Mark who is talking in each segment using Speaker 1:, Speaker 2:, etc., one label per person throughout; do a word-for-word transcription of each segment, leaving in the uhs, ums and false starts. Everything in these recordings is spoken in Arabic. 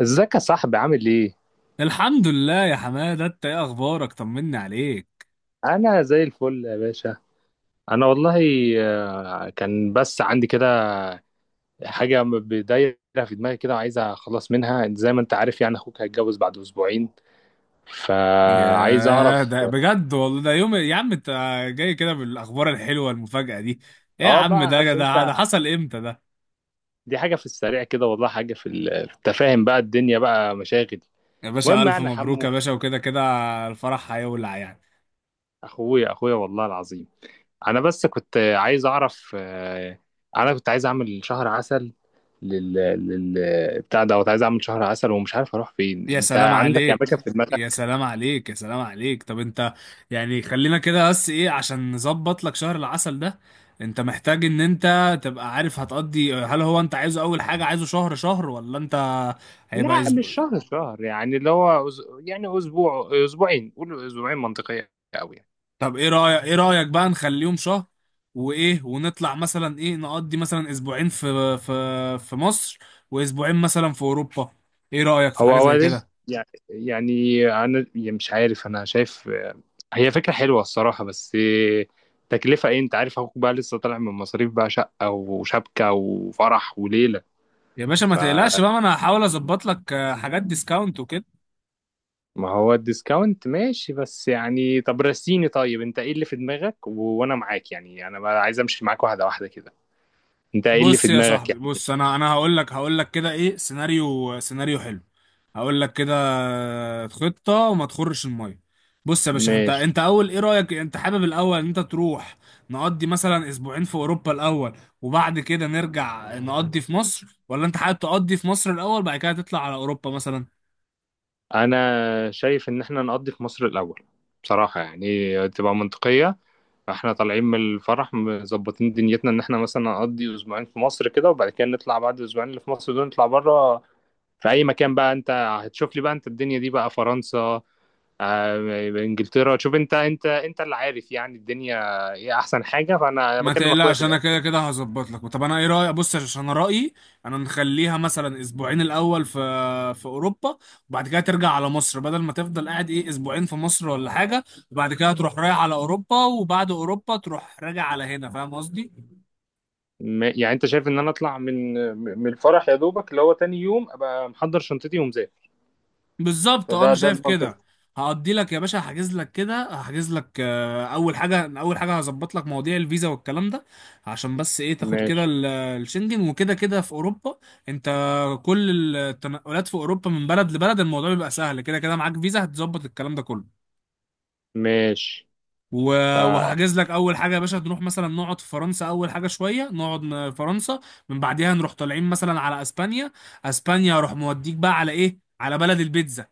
Speaker 1: ازيك يا صاحبي، عامل ايه؟
Speaker 2: الحمد لله يا حماده، انت ايه اخبارك؟ طمني عليك.
Speaker 1: انا زي الفل يا باشا. انا والله آه، كان بس عندي كده حاجه م- بدايره في دماغي كده، وعايز اخلص منها. زي ما انت عارف يعني، اخوك هيتجوز بعد اسبوعين، فعايز
Speaker 2: يا
Speaker 1: اعرف.
Speaker 2: ده بجد والله، ده يوم يا عم انت جاي كده بالاخبار الحلوه، المفاجاه دي ايه يا
Speaker 1: اه،
Speaker 2: عم؟
Speaker 1: بقى
Speaker 2: ده
Speaker 1: عارف
Speaker 2: ده
Speaker 1: انت،
Speaker 2: ده حصل امتى ده؟
Speaker 1: دي حاجه في السريع كده والله، حاجه في ال- في التفاهم بقى، الدنيا بقى مشاغل.
Speaker 2: يا باشا
Speaker 1: المهم
Speaker 2: الف
Speaker 1: يعني،
Speaker 2: مبروك
Speaker 1: حمو
Speaker 2: يا باشا، وكده كده الفرح هيولع يعني.
Speaker 1: اخويا اخويا والله العظيم. انا بس كنت عايز اعرف، آه، انا كنت عايز اعمل شهر عسل لل لل بتاع دوت. عايز اعمل شهر عسل ومش عارف اروح فين،
Speaker 2: يا
Speaker 1: انت
Speaker 2: سلام
Speaker 1: عندك اماكن
Speaker 2: عليك،
Speaker 1: في
Speaker 2: يا
Speaker 1: دماغك؟
Speaker 2: سلام عليك، يا سلام عليك. طب انت يعني خلينا كده، بس ايه عشان نظبط لك شهر العسل ده، انت محتاج ان انت تبقى عارف هتقضي، هل هو انت عايزه اول حاجه، عايزه شهر شهر ولا انت هيبقى
Speaker 1: لا مش
Speaker 2: اسبوع؟
Speaker 1: شهر شهر، يعني اللي هو أز... يعني اسبوع اسبوعين، قول اسبوعين منطقيه قوي يعني.
Speaker 2: طب ايه رايك، ايه رايك بقى نخليهم شهر، وايه ونطلع مثلا ايه، نقضي مثلا اسبوعين في في في مصر، واسبوعين مثلا في اوروبا؟ ايه رايك في
Speaker 1: هو
Speaker 2: حاجه زي
Speaker 1: اولا،
Speaker 2: كده؟
Speaker 1: يعني يعني انا يعني مش عارف. انا شايف آه، هي فكره حلوه الصراحه، بس آه، تكلفه ايه؟ انت عارف اخوك بقى لسه طالع من مصاريف بقى، شقه وشبكه وفرح وليله.
Speaker 2: يا باشا ما تقلقش بقى، ما انا هحاول اظبط لك آه، حاجات ديسكاونت وكده.
Speaker 1: ما هو الديسكاونت ماشي، بس يعني طب رسيني. طيب انت ايه اللي في دماغك و... وانا معاك؟ يعني انا بقى عايز امشي معاك واحده واحده كده. انت ايه اللي
Speaker 2: بص
Speaker 1: في
Speaker 2: يا
Speaker 1: دماغك
Speaker 2: صاحبي،
Speaker 1: يعني؟
Speaker 2: بص انا انا هقول لك هقول لك كده ايه سيناريو، سيناريو حلو. هقول لك كده خطة وما تخرش المية. بص يا باشا، انت
Speaker 1: ماشي.
Speaker 2: انت اول ايه رأيك، انت حابب الاول ان انت تروح نقضي مثلا اسبوعين في اوروبا الاول وبعد كده نرجع نقضي في مصر، ولا انت حابب تقضي في مصر الاول بعد كده تطلع على اوروبا مثلا؟
Speaker 1: انا شايف ان احنا نقضي في مصر الاول، بصراحه يعني تبقى منطقيه. احنا طالعين من الفرح مظبطين دنيتنا، ان احنا مثلا نقضي اسبوعين في مصر كده، وبعد كده نطلع بعد الاسبوعين اللي في مصر دول نطلع بره. في اي مكان بقى انت هتشوف لي بقى، انت الدنيا دي بقى فرنسا، آه، انجلترا، شوف انت. انت انت اللي عارف يعني الدنيا، ايه احسن حاجه. فانا
Speaker 2: ما
Speaker 1: بكلم اخويا في
Speaker 2: تقلقش، انا
Speaker 1: الاخر.
Speaker 2: كده كده هظبط لك. طب انا ايه رايك، بص عشان انا رايي انا نخليها مثلا اسبوعين الاول في في اوروبا، وبعد كده ترجع على مصر، بدل ما تفضل قاعد ايه اسبوعين في مصر ولا حاجه، وبعد كده تروح رايح على اوروبا، وبعد اوروبا تروح راجع على هنا. فاهم قصدي؟
Speaker 1: م- يعني انت شايف ان انا اطلع من من الفرح يا دوبك اللي هو تاني يوم، ابقى محضر شنطتي ومذاكر؟
Speaker 2: بالظبط، اه
Speaker 1: فده
Speaker 2: انا
Speaker 1: ده
Speaker 2: شايف
Speaker 1: المنطق.
Speaker 2: كده. هقضي لك يا باشا، هحجز لك كده، هحجز لك آه، اول حاجه، اول حاجه هظبط لك مواضيع الفيزا والكلام ده، عشان بس ايه تاخد كده
Speaker 1: ماشي.
Speaker 2: ال- الشنجن، وكده كده في اوروبا انت كل التنقلات في اوروبا من بلد لبلد الموضوع بيبقى سهل، كده كده معاك فيزا هتظبط الكلام ده كله.
Speaker 1: ماشي. ف...
Speaker 2: و- وهحجز لك اول حاجه يا باشا، نروح مثلا نقعد في فرنسا اول حاجه، شويه نقعد ن- فرنسا، من بعديها نروح طالعين مثلا على اسبانيا. اسبانيا اروح موديك بقى على ايه، على بلد البيتزا،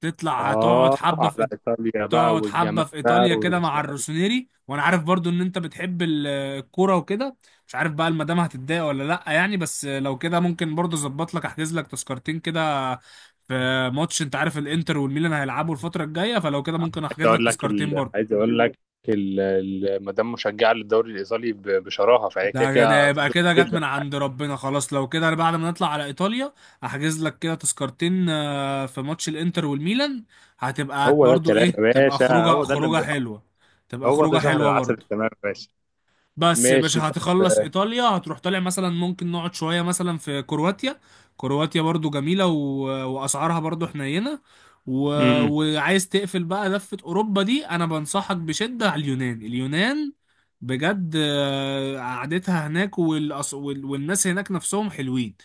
Speaker 2: تطلع هتقعد
Speaker 1: اه،
Speaker 2: حبه
Speaker 1: على
Speaker 2: في،
Speaker 1: ايطاليا بقى،
Speaker 2: تقعد حبة
Speaker 1: والجمال
Speaker 2: في
Speaker 1: بقى
Speaker 2: إيطاليا كده
Speaker 1: وال-.
Speaker 2: مع الروسونيري، وأنا عارف برضو إن أنت بتحب ال- الكورة وكده. مش عارف بقى المدام هتتضايق ولا لأ يعني، بس لو كده ممكن برضو أظبط لك، أحجز لك تذكرتين كده في ماتش، أنت عارف الإنتر والميلان هيلعبوا الفترة الجاية، فلو كده ممكن
Speaker 1: عايز
Speaker 2: أحجز لك
Speaker 1: اقول لك
Speaker 2: تذكرتين
Speaker 1: ال...
Speaker 2: برضو.
Speaker 1: عايز اقول لك ال... ال- مدام مشجعه للدوري الايطالي ب- بشراهه، فهي كده
Speaker 2: ده
Speaker 1: كده
Speaker 2: ده يبقى
Speaker 1: هتبدو.
Speaker 2: كده جت من عند ربنا. خلاص لو كده، أنا بعد ما نطلع على إيطاليا أحجز لك كده تذكرتين آه، في ماتش الإنتر والميلان، هتبقى
Speaker 1: هو ده
Speaker 2: برضو
Speaker 1: الكلام يا
Speaker 2: إيه، تبقى
Speaker 1: باشا،
Speaker 2: خروجة
Speaker 1: هو ده
Speaker 2: خروجة
Speaker 1: اللي،
Speaker 2: حلوة، تبقى
Speaker 1: هو ده
Speaker 2: خروجة
Speaker 1: شهر
Speaker 2: حلوة
Speaker 1: العسل
Speaker 2: برضو.
Speaker 1: التمام يا باشا.
Speaker 2: بس يا باشا
Speaker 1: ماشي طب.
Speaker 2: هتخلص ايطاليا، هتروح طالع مثلا، ممكن نقعد شويه مثلا في كرواتيا. كرواتيا برضو جميله، و... واسعارها برضو حنينه. و...
Speaker 1: امم.
Speaker 2: وعايز تقفل بقى لفه اوروبا دي، انا بنصحك بشده على اليونان. اليونان بجد آه، قعدتها هناك، والأص... وال... والناس هناك نفسهم حلوين،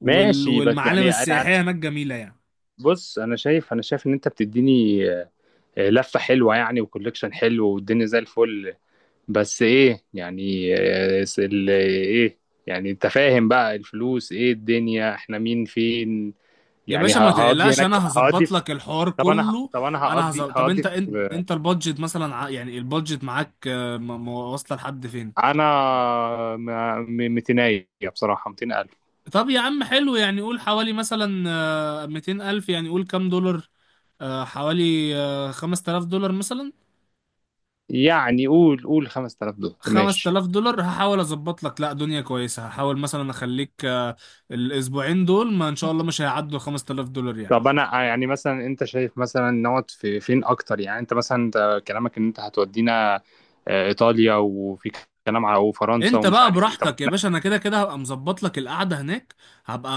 Speaker 2: وال...
Speaker 1: ماشي بس
Speaker 2: والمعالم
Speaker 1: يعني انا أنا-
Speaker 2: السياحيه هناك جميله يعني.
Speaker 1: بص، انا شايف انا شايف ان انت بتديني آه، آه، لفه حلوه يعني، وكوليكشن حلو، والدنيا زي الفل. بس ايه يعني آه، س- ال- ايه، يعني انت فاهم بقى الفلوس ايه، الدنيا احنا مين فين
Speaker 2: يا
Speaker 1: يعني ه-
Speaker 2: باشا ما
Speaker 1: هقضي
Speaker 2: تقلقش،
Speaker 1: هناك،
Speaker 2: انا
Speaker 1: هقضي
Speaker 2: هظبط
Speaker 1: في-
Speaker 2: لك الحوار
Speaker 1: طب انا ه-
Speaker 2: كله،
Speaker 1: طب انا
Speaker 2: انا
Speaker 1: هقضي
Speaker 2: هظبط. طب
Speaker 1: هقضي
Speaker 2: انت انت
Speaker 1: في-.
Speaker 2: انت البادجت مثلا ع- يعني البادجت معاك آه، م- م- واصله لحد فين؟
Speaker 1: انا م- م- مئتين، بصراحه مئتين ألف.
Speaker 2: طب يا عم حلو، يعني قول حوالي مثلا آه، مئتين الف، يعني قول كام دولار، آه، حوالي آه، خمس آلاف دولار مثلا.
Speaker 1: يعني قول قول خمسة آلاف دولار ماشي.
Speaker 2: خمس آلاف دولار هحاول اظبط لك، لا دنيا كويسه، هحاول مثلا اخليك آه، الاسبوعين دول ما ان شاء الله مش هيعدوا خمس آلاف دولار يعني.
Speaker 1: طب انا آه، يعني مثلا انت شايف مثلا نقعد في فين اكتر؟ يعني انت مثلا، انت كلامك ان انت هتودينا آه، ايطاليا وفي كلام على وفرنسا
Speaker 2: انت
Speaker 1: ومش
Speaker 2: بقى
Speaker 1: عارف ايه. طب
Speaker 2: براحتك يا
Speaker 1: احنا.
Speaker 2: باشا، انا كده كده هبقى مظبط لك القعده هناك، هبقى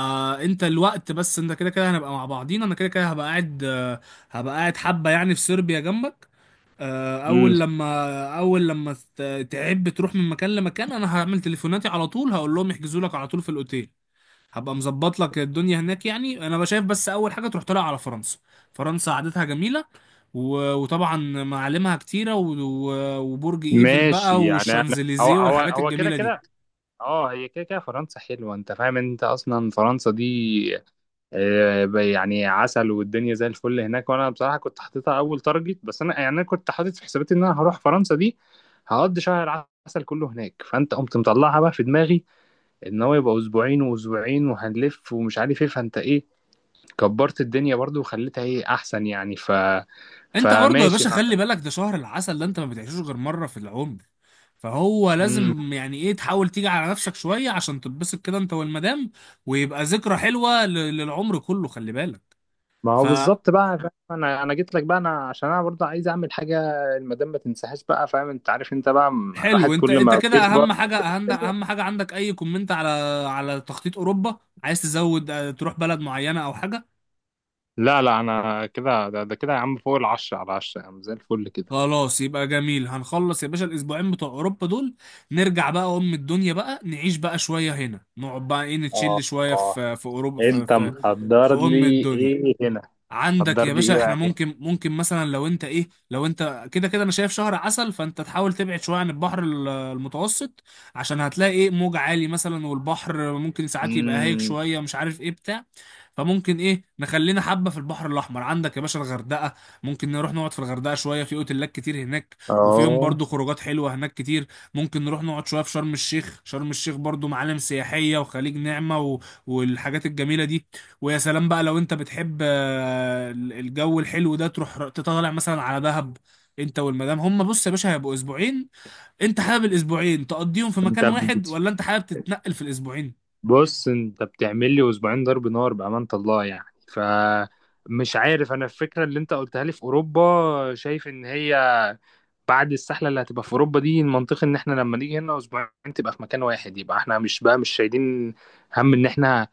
Speaker 2: انت الوقت بس، انت كده كده هنبقى مع بعضينا، انا كده كده هبقى قاعد آه، هبقى قاعد حبه يعني في صربيا جنبك. آه،
Speaker 1: امم.
Speaker 2: اول لما اول لما ت- تعب تروح من مكان لمكان، انا هعمل تليفوناتي على طول، هقول لهم يحجزوا لك على طول في الاوتيل. هبقى مظبط لك الدنيا هناك. يعني انا شايف بس اول حاجه تروح طالع على فرنسا. فرنسا عادتها جميله، و- وطبعا معالمها كتيرة، و- و- وبرج ايفل بقى
Speaker 1: ماشي يعني انا، هو
Speaker 2: والشانزليزيه
Speaker 1: هو
Speaker 2: والحاجات
Speaker 1: هو كده
Speaker 2: الجميلة دي.
Speaker 1: كده. اه، هي كده كده فرنسا حلوه، انت فاهم، انت اصلا فرنسا دي آه، يعني عسل، والدنيا زي الفل هناك. وانا بصراحه كنت حاططها اول تارجت، بس انا يعني، انا كنت حاطط في حساباتي ان انا هروح فرنسا دي هقضي شهر عسل كله هناك. فانت قمت مطلعها بقى في دماغي ان هو يبقى اسبوعين واسبوعين، وهنلف ومش عارف ايه. فانت ايه كبرت الدنيا برضو، وخليتها ايه احسن يعني. ف
Speaker 2: انت برضه يا
Speaker 1: فماشي
Speaker 2: باشا
Speaker 1: بقى.
Speaker 2: خلي بالك، ده شهر العسل ده انت ما بتعيشوش غير مرة في العمر، فهو
Speaker 1: مم.
Speaker 2: لازم يعني ايه تحاول تيجي على نفسك شوية عشان تتبسط كده انت والمدام، ويبقى ذكرى حلوة ل- للعمر كله. خلي بالك،
Speaker 1: ما هو
Speaker 2: فحلو.
Speaker 1: بالظبط بقى، فاهم؟ انا انا جيت لك بقى، انا عشان انا برضه عايز اعمل حاجه، المدام ما تنساهاش بقى، فاهم؟ انت عارف، انت بقى م- الواحد
Speaker 2: انت
Speaker 1: كل
Speaker 2: انت
Speaker 1: ما
Speaker 2: كده
Speaker 1: بيكبر.
Speaker 2: اهم حاجة، اهم اهم حاجة عندك اي كومنت على على تخطيط اوروبا؟ عايز تزود اه، تروح بلد معينة او حاجة؟
Speaker 1: لا لا، انا كده ده, ده كده يا عم فوق العشرة على عشرة، يا عم زي الفل كده.
Speaker 2: خلاص يبقى جميل. هنخلص يا باشا الاسبوعين بتوع اوروبا دول، نرجع بقى ام الدنيا، بقى نعيش بقى شويه هنا، نقعد بقى ايه
Speaker 1: اه
Speaker 2: نتشيل شويه
Speaker 1: اه،
Speaker 2: في في اوروبا في
Speaker 1: انت
Speaker 2: في في
Speaker 1: محضر
Speaker 2: ام
Speaker 1: لي
Speaker 2: الدنيا.
Speaker 1: ايه هنا؟
Speaker 2: عندك
Speaker 1: حضر
Speaker 2: يا
Speaker 1: لي
Speaker 2: باشا،
Speaker 1: ايه
Speaker 2: احنا
Speaker 1: بقى؟
Speaker 2: ممكن، ممكن مثلا لو انت ايه، لو انت كده كده انا شايف شهر عسل، فانت تحاول تبعد شويه عن البحر ال- المتوسط عشان هتلاقي ايه موج عالي مثلا، والبحر ممكن ساعات يبقى هايج
Speaker 1: امم.
Speaker 2: شويه، مش عارف ايه بتاع. فممكن ايه نخلينا حبه في البحر الاحمر. عندك يا باشا الغردقه، ممكن نروح نقعد في الغردقه شويه، في اوتيلات كتير هناك، وفيهم
Speaker 1: اه،
Speaker 2: برضو خروجات حلوه هناك كتير. ممكن نروح نقعد شويه في شرم الشيخ، شرم الشيخ برضو معالم سياحيه وخليج نعمه و... والحاجات الجميله دي. ويا سلام بقى لو انت بتحب آه، الجو الحلو ده تروح ر- تطلع مثلا على دهب. انت والمدام هم، بص يا باشا هيبقوا اسبوعين، انت حابب الاسبوعين تقضيهم في
Speaker 1: انت
Speaker 2: مكان واحد،
Speaker 1: بت-
Speaker 2: ولا انت حابب تتنقل في الاسبوعين؟
Speaker 1: بص انت بتعمل لي اسبوعين ضرب نار بأمانة الله يعني. ف مش عارف، انا الفكرة اللي انت قلتها لي في اوروبا شايف ان هي بعد السحلة اللي هتبقى في اوروبا دي، المنطقي ان احنا لما نيجي هنا اسبوعين تبقى في مكان واحد. يبقى احنا مش بقى، مش شايلين هم ان احنا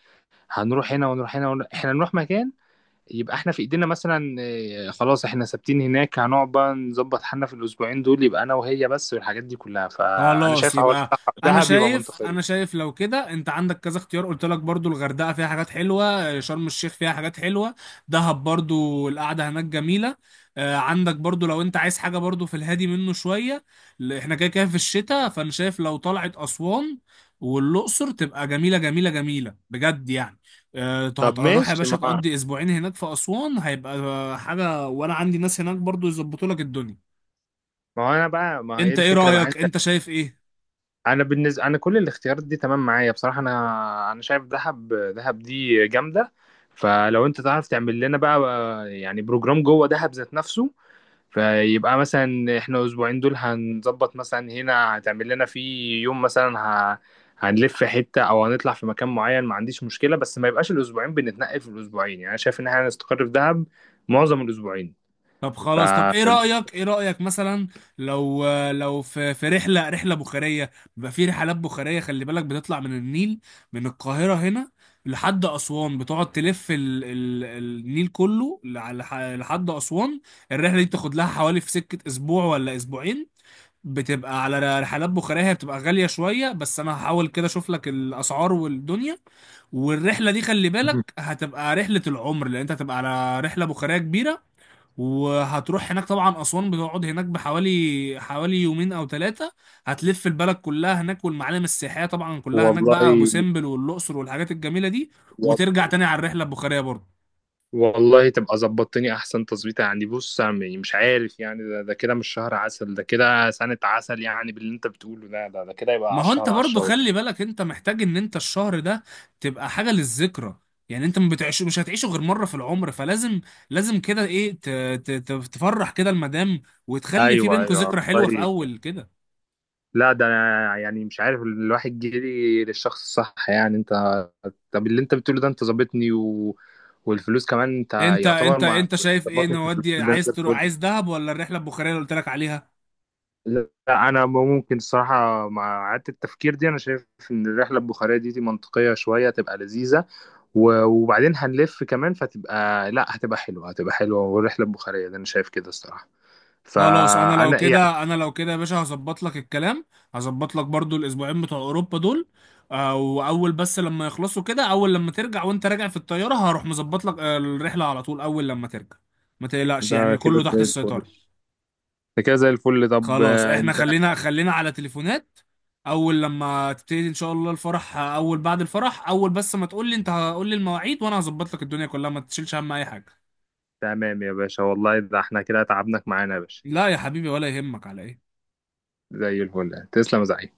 Speaker 1: هنروح هنا ونروح هنا ونروح. احنا نروح مكان يبقى احنا في ايدينا، مثلا آه، خلاص احنا ثابتين هناك، هنقعد بقى نظبط حالنا في الاسبوعين دول، يبقى انا وهي بس والحاجات دي كلها. فانا
Speaker 2: خلاص
Speaker 1: شايف حوار
Speaker 2: يبقى، انا
Speaker 1: دهب يبقى
Speaker 2: شايف انا
Speaker 1: منطقية.
Speaker 2: شايف لو كده انت عندك كذا اختيار، قلت لك برضو الغردقه فيها حاجات حلوه، شرم الشيخ فيها حاجات حلوه، دهب برضو القعده هناك جميله. آه، عندك برضو لو انت عايز حاجه برضو في الهادي منه شويه، ل- احنا كده كده في الشتاء، فانا شايف لو طلعت اسوان والاقصر تبقى جميله جميله جميله بجد يعني. آه، ت-
Speaker 1: طب
Speaker 2: هتروح يا
Speaker 1: ماشي
Speaker 2: باشا
Speaker 1: ما هو-
Speaker 2: تقضي اسبوعين هناك في اسوان هيبقى حاجه، وانا عندي ناس هناك برضو يظبطوا لك الدنيا.
Speaker 1: ما هو انا بقى، ما هي
Speaker 2: انت ايه
Speaker 1: الفكرة بقى،
Speaker 2: رايك،
Speaker 1: انت،
Speaker 2: انت شايف ايه؟
Speaker 1: انا بالنسبة انا كل الاختيارات دي تمام معايا بصراحة. انا انا شايف دهب. دهب دي جامدة. فلو انت تعرف تعمل لنا بقى يعني بروجرام جوه دهب ذات نفسه، فيبقى مثلا احنا اسبوعين دول هنظبط، مثلا هنا هتعمل لنا في يوم مثلا ه... هنلف حتة او هنطلع في مكان معين، ما عنديش مشكلة، بس ما يبقاش الاسبوعين بنتنقل في الاسبوعين. يعني انا شايف ان احنا هنستقر في دهب معظم الاسبوعين.
Speaker 2: طب
Speaker 1: ف
Speaker 2: خلاص، طب ايه رأيك، ايه رأيك مثلا لو لو في في رحلة رحلة بخارية؟ بيبقى في رحلات بخارية، خلي بالك بتطلع من النيل من القاهرة هنا لحد أسوان، بتقعد تلف ال ال النيل كله لع- لح- لحد أسوان. الرحلة دي بتاخد لها حوالي في سكة أسبوع ولا أسبوعين، بتبقى على رحلات بخارية. هي بتبقى غالية شوية بس أنا هحاول كده أشوف لك الأسعار والدنيا. والرحلة دي خلي بالك هتبقى رحلة العمر، لأن أنت هتبقى على رحلة بخارية كبيرة. وهتروح هناك طبعا أسوان، بتقعد هناك بحوالي حوالي يومين أو ثلاثة، هتلف البلد كلها هناك، والمعالم السياحية طبعا كلها هناك
Speaker 1: والله،
Speaker 2: بقى، أبو سمبل والأقصر والحاجات الجميلة دي، وترجع تاني على الرحلة البخارية برضه.
Speaker 1: والله تبقى ظبطتني احسن تظبيطه يعني. بص يعني مش عارف يعني ده, ده كده مش شهر عسل، ده كده سنة عسل يعني، باللي انت بتقوله ده ده, ده كده يبقى
Speaker 2: ما هو
Speaker 1: عشرة
Speaker 2: أنت
Speaker 1: على
Speaker 2: برضه
Speaker 1: عشرة.
Speaker 2: خلي بالك، أنت محتاج إن أنت الشهر ده تبقى حاجة للذكرى، يعني أنت ما بتعيش، مش هتعيشه غير مرة في العمر، فلازم لازم كده إيه ت- ت- ت- تفرح كده المدام، وتخلي في
Speaker 1: ايوه
Speaker 2: بينكوا
Speaker 1: ايوه
Speaker 2: ذكرى حلوة في
Speaker 1: والله،
Speaker 2: أول كده.
Speaker 1: لا ده انا يعني مش عارف الواحد جري للشخص الصح يعني. انت، طب اللي انت بتقوله ده انت ظابطني و... والفلوس كمان انت
Speaker 2: انت
Speaker 1: يعتبر،
Speaker 2: انت
Speaker 1: ما
Speaker 2: انت شايف ايه
Speaker 1: ظبطني في الفلوس
Speaker 2: نودي،
Speaker 1: ده
Speaker 2: عايز
Speaker 1: زي
Speaker 2: تروح
Speaker 1: الفل.
Speaker 2: عايز دهب ولا الرحله البخاريه اللي قلت لك عليها؟
Speaker 1: لا، انا ممكن الصراحه مع اعاده التفكير دي، انا شايف ان الرحله البخاريه دي, دي منطقيه شويه، تبقى لذيذه و... وبعدين هنلف كمان، فتبقى لا هتبقى حلوه. هتبقى حلوه والرحله البخاريه ده انا شايف كده الصراحه.
Speaker 2: خلاص انا لو
Speaker 1: فانا يعني.
Speaker 2: كده، انا لو كده يا باشا هظبط لك الكلام، هظبط لك برضو الاسبوعين بتوع اوروبا دول. آه، واول بس لما يخلصوا كده، اول لما ترجع وانت راجع في الطياره، هروح مظبط لك آه، الرحله على طول اول لما ترجع، ما تقلقش
Speaker 1: ده
Speaker 2: يعني
Speaker 1: كده
Speaker 2: كله تحت
Speaker 1: زي الفل.
Speaker 2: السيطره.
Speaker 1: ده كده زي الفل طب
Speaker 2: خلاص
Speaker 1: آه،
Speaker 2: احنا
Speaker 1: انت.
Speaker 2: خلينا خلينا على تليفونات، اول لما تبتدي ان شاء الله الفرح آه، اول بعد الفرح، اول بس ما تقول لي انت هقول لي المواعيد، وانا هظبط لك الدنيا كلها، ما تشيلش هم اي حاجه.
Speaker 1: تمام يا باشا والله، ده احنا كده تعبناك معانا يا باشا.
Speaker 2: لا يا حبيبي، ولا يهمك على ايه.
Speaker 1: زي الفل، تسلم يا زعيم.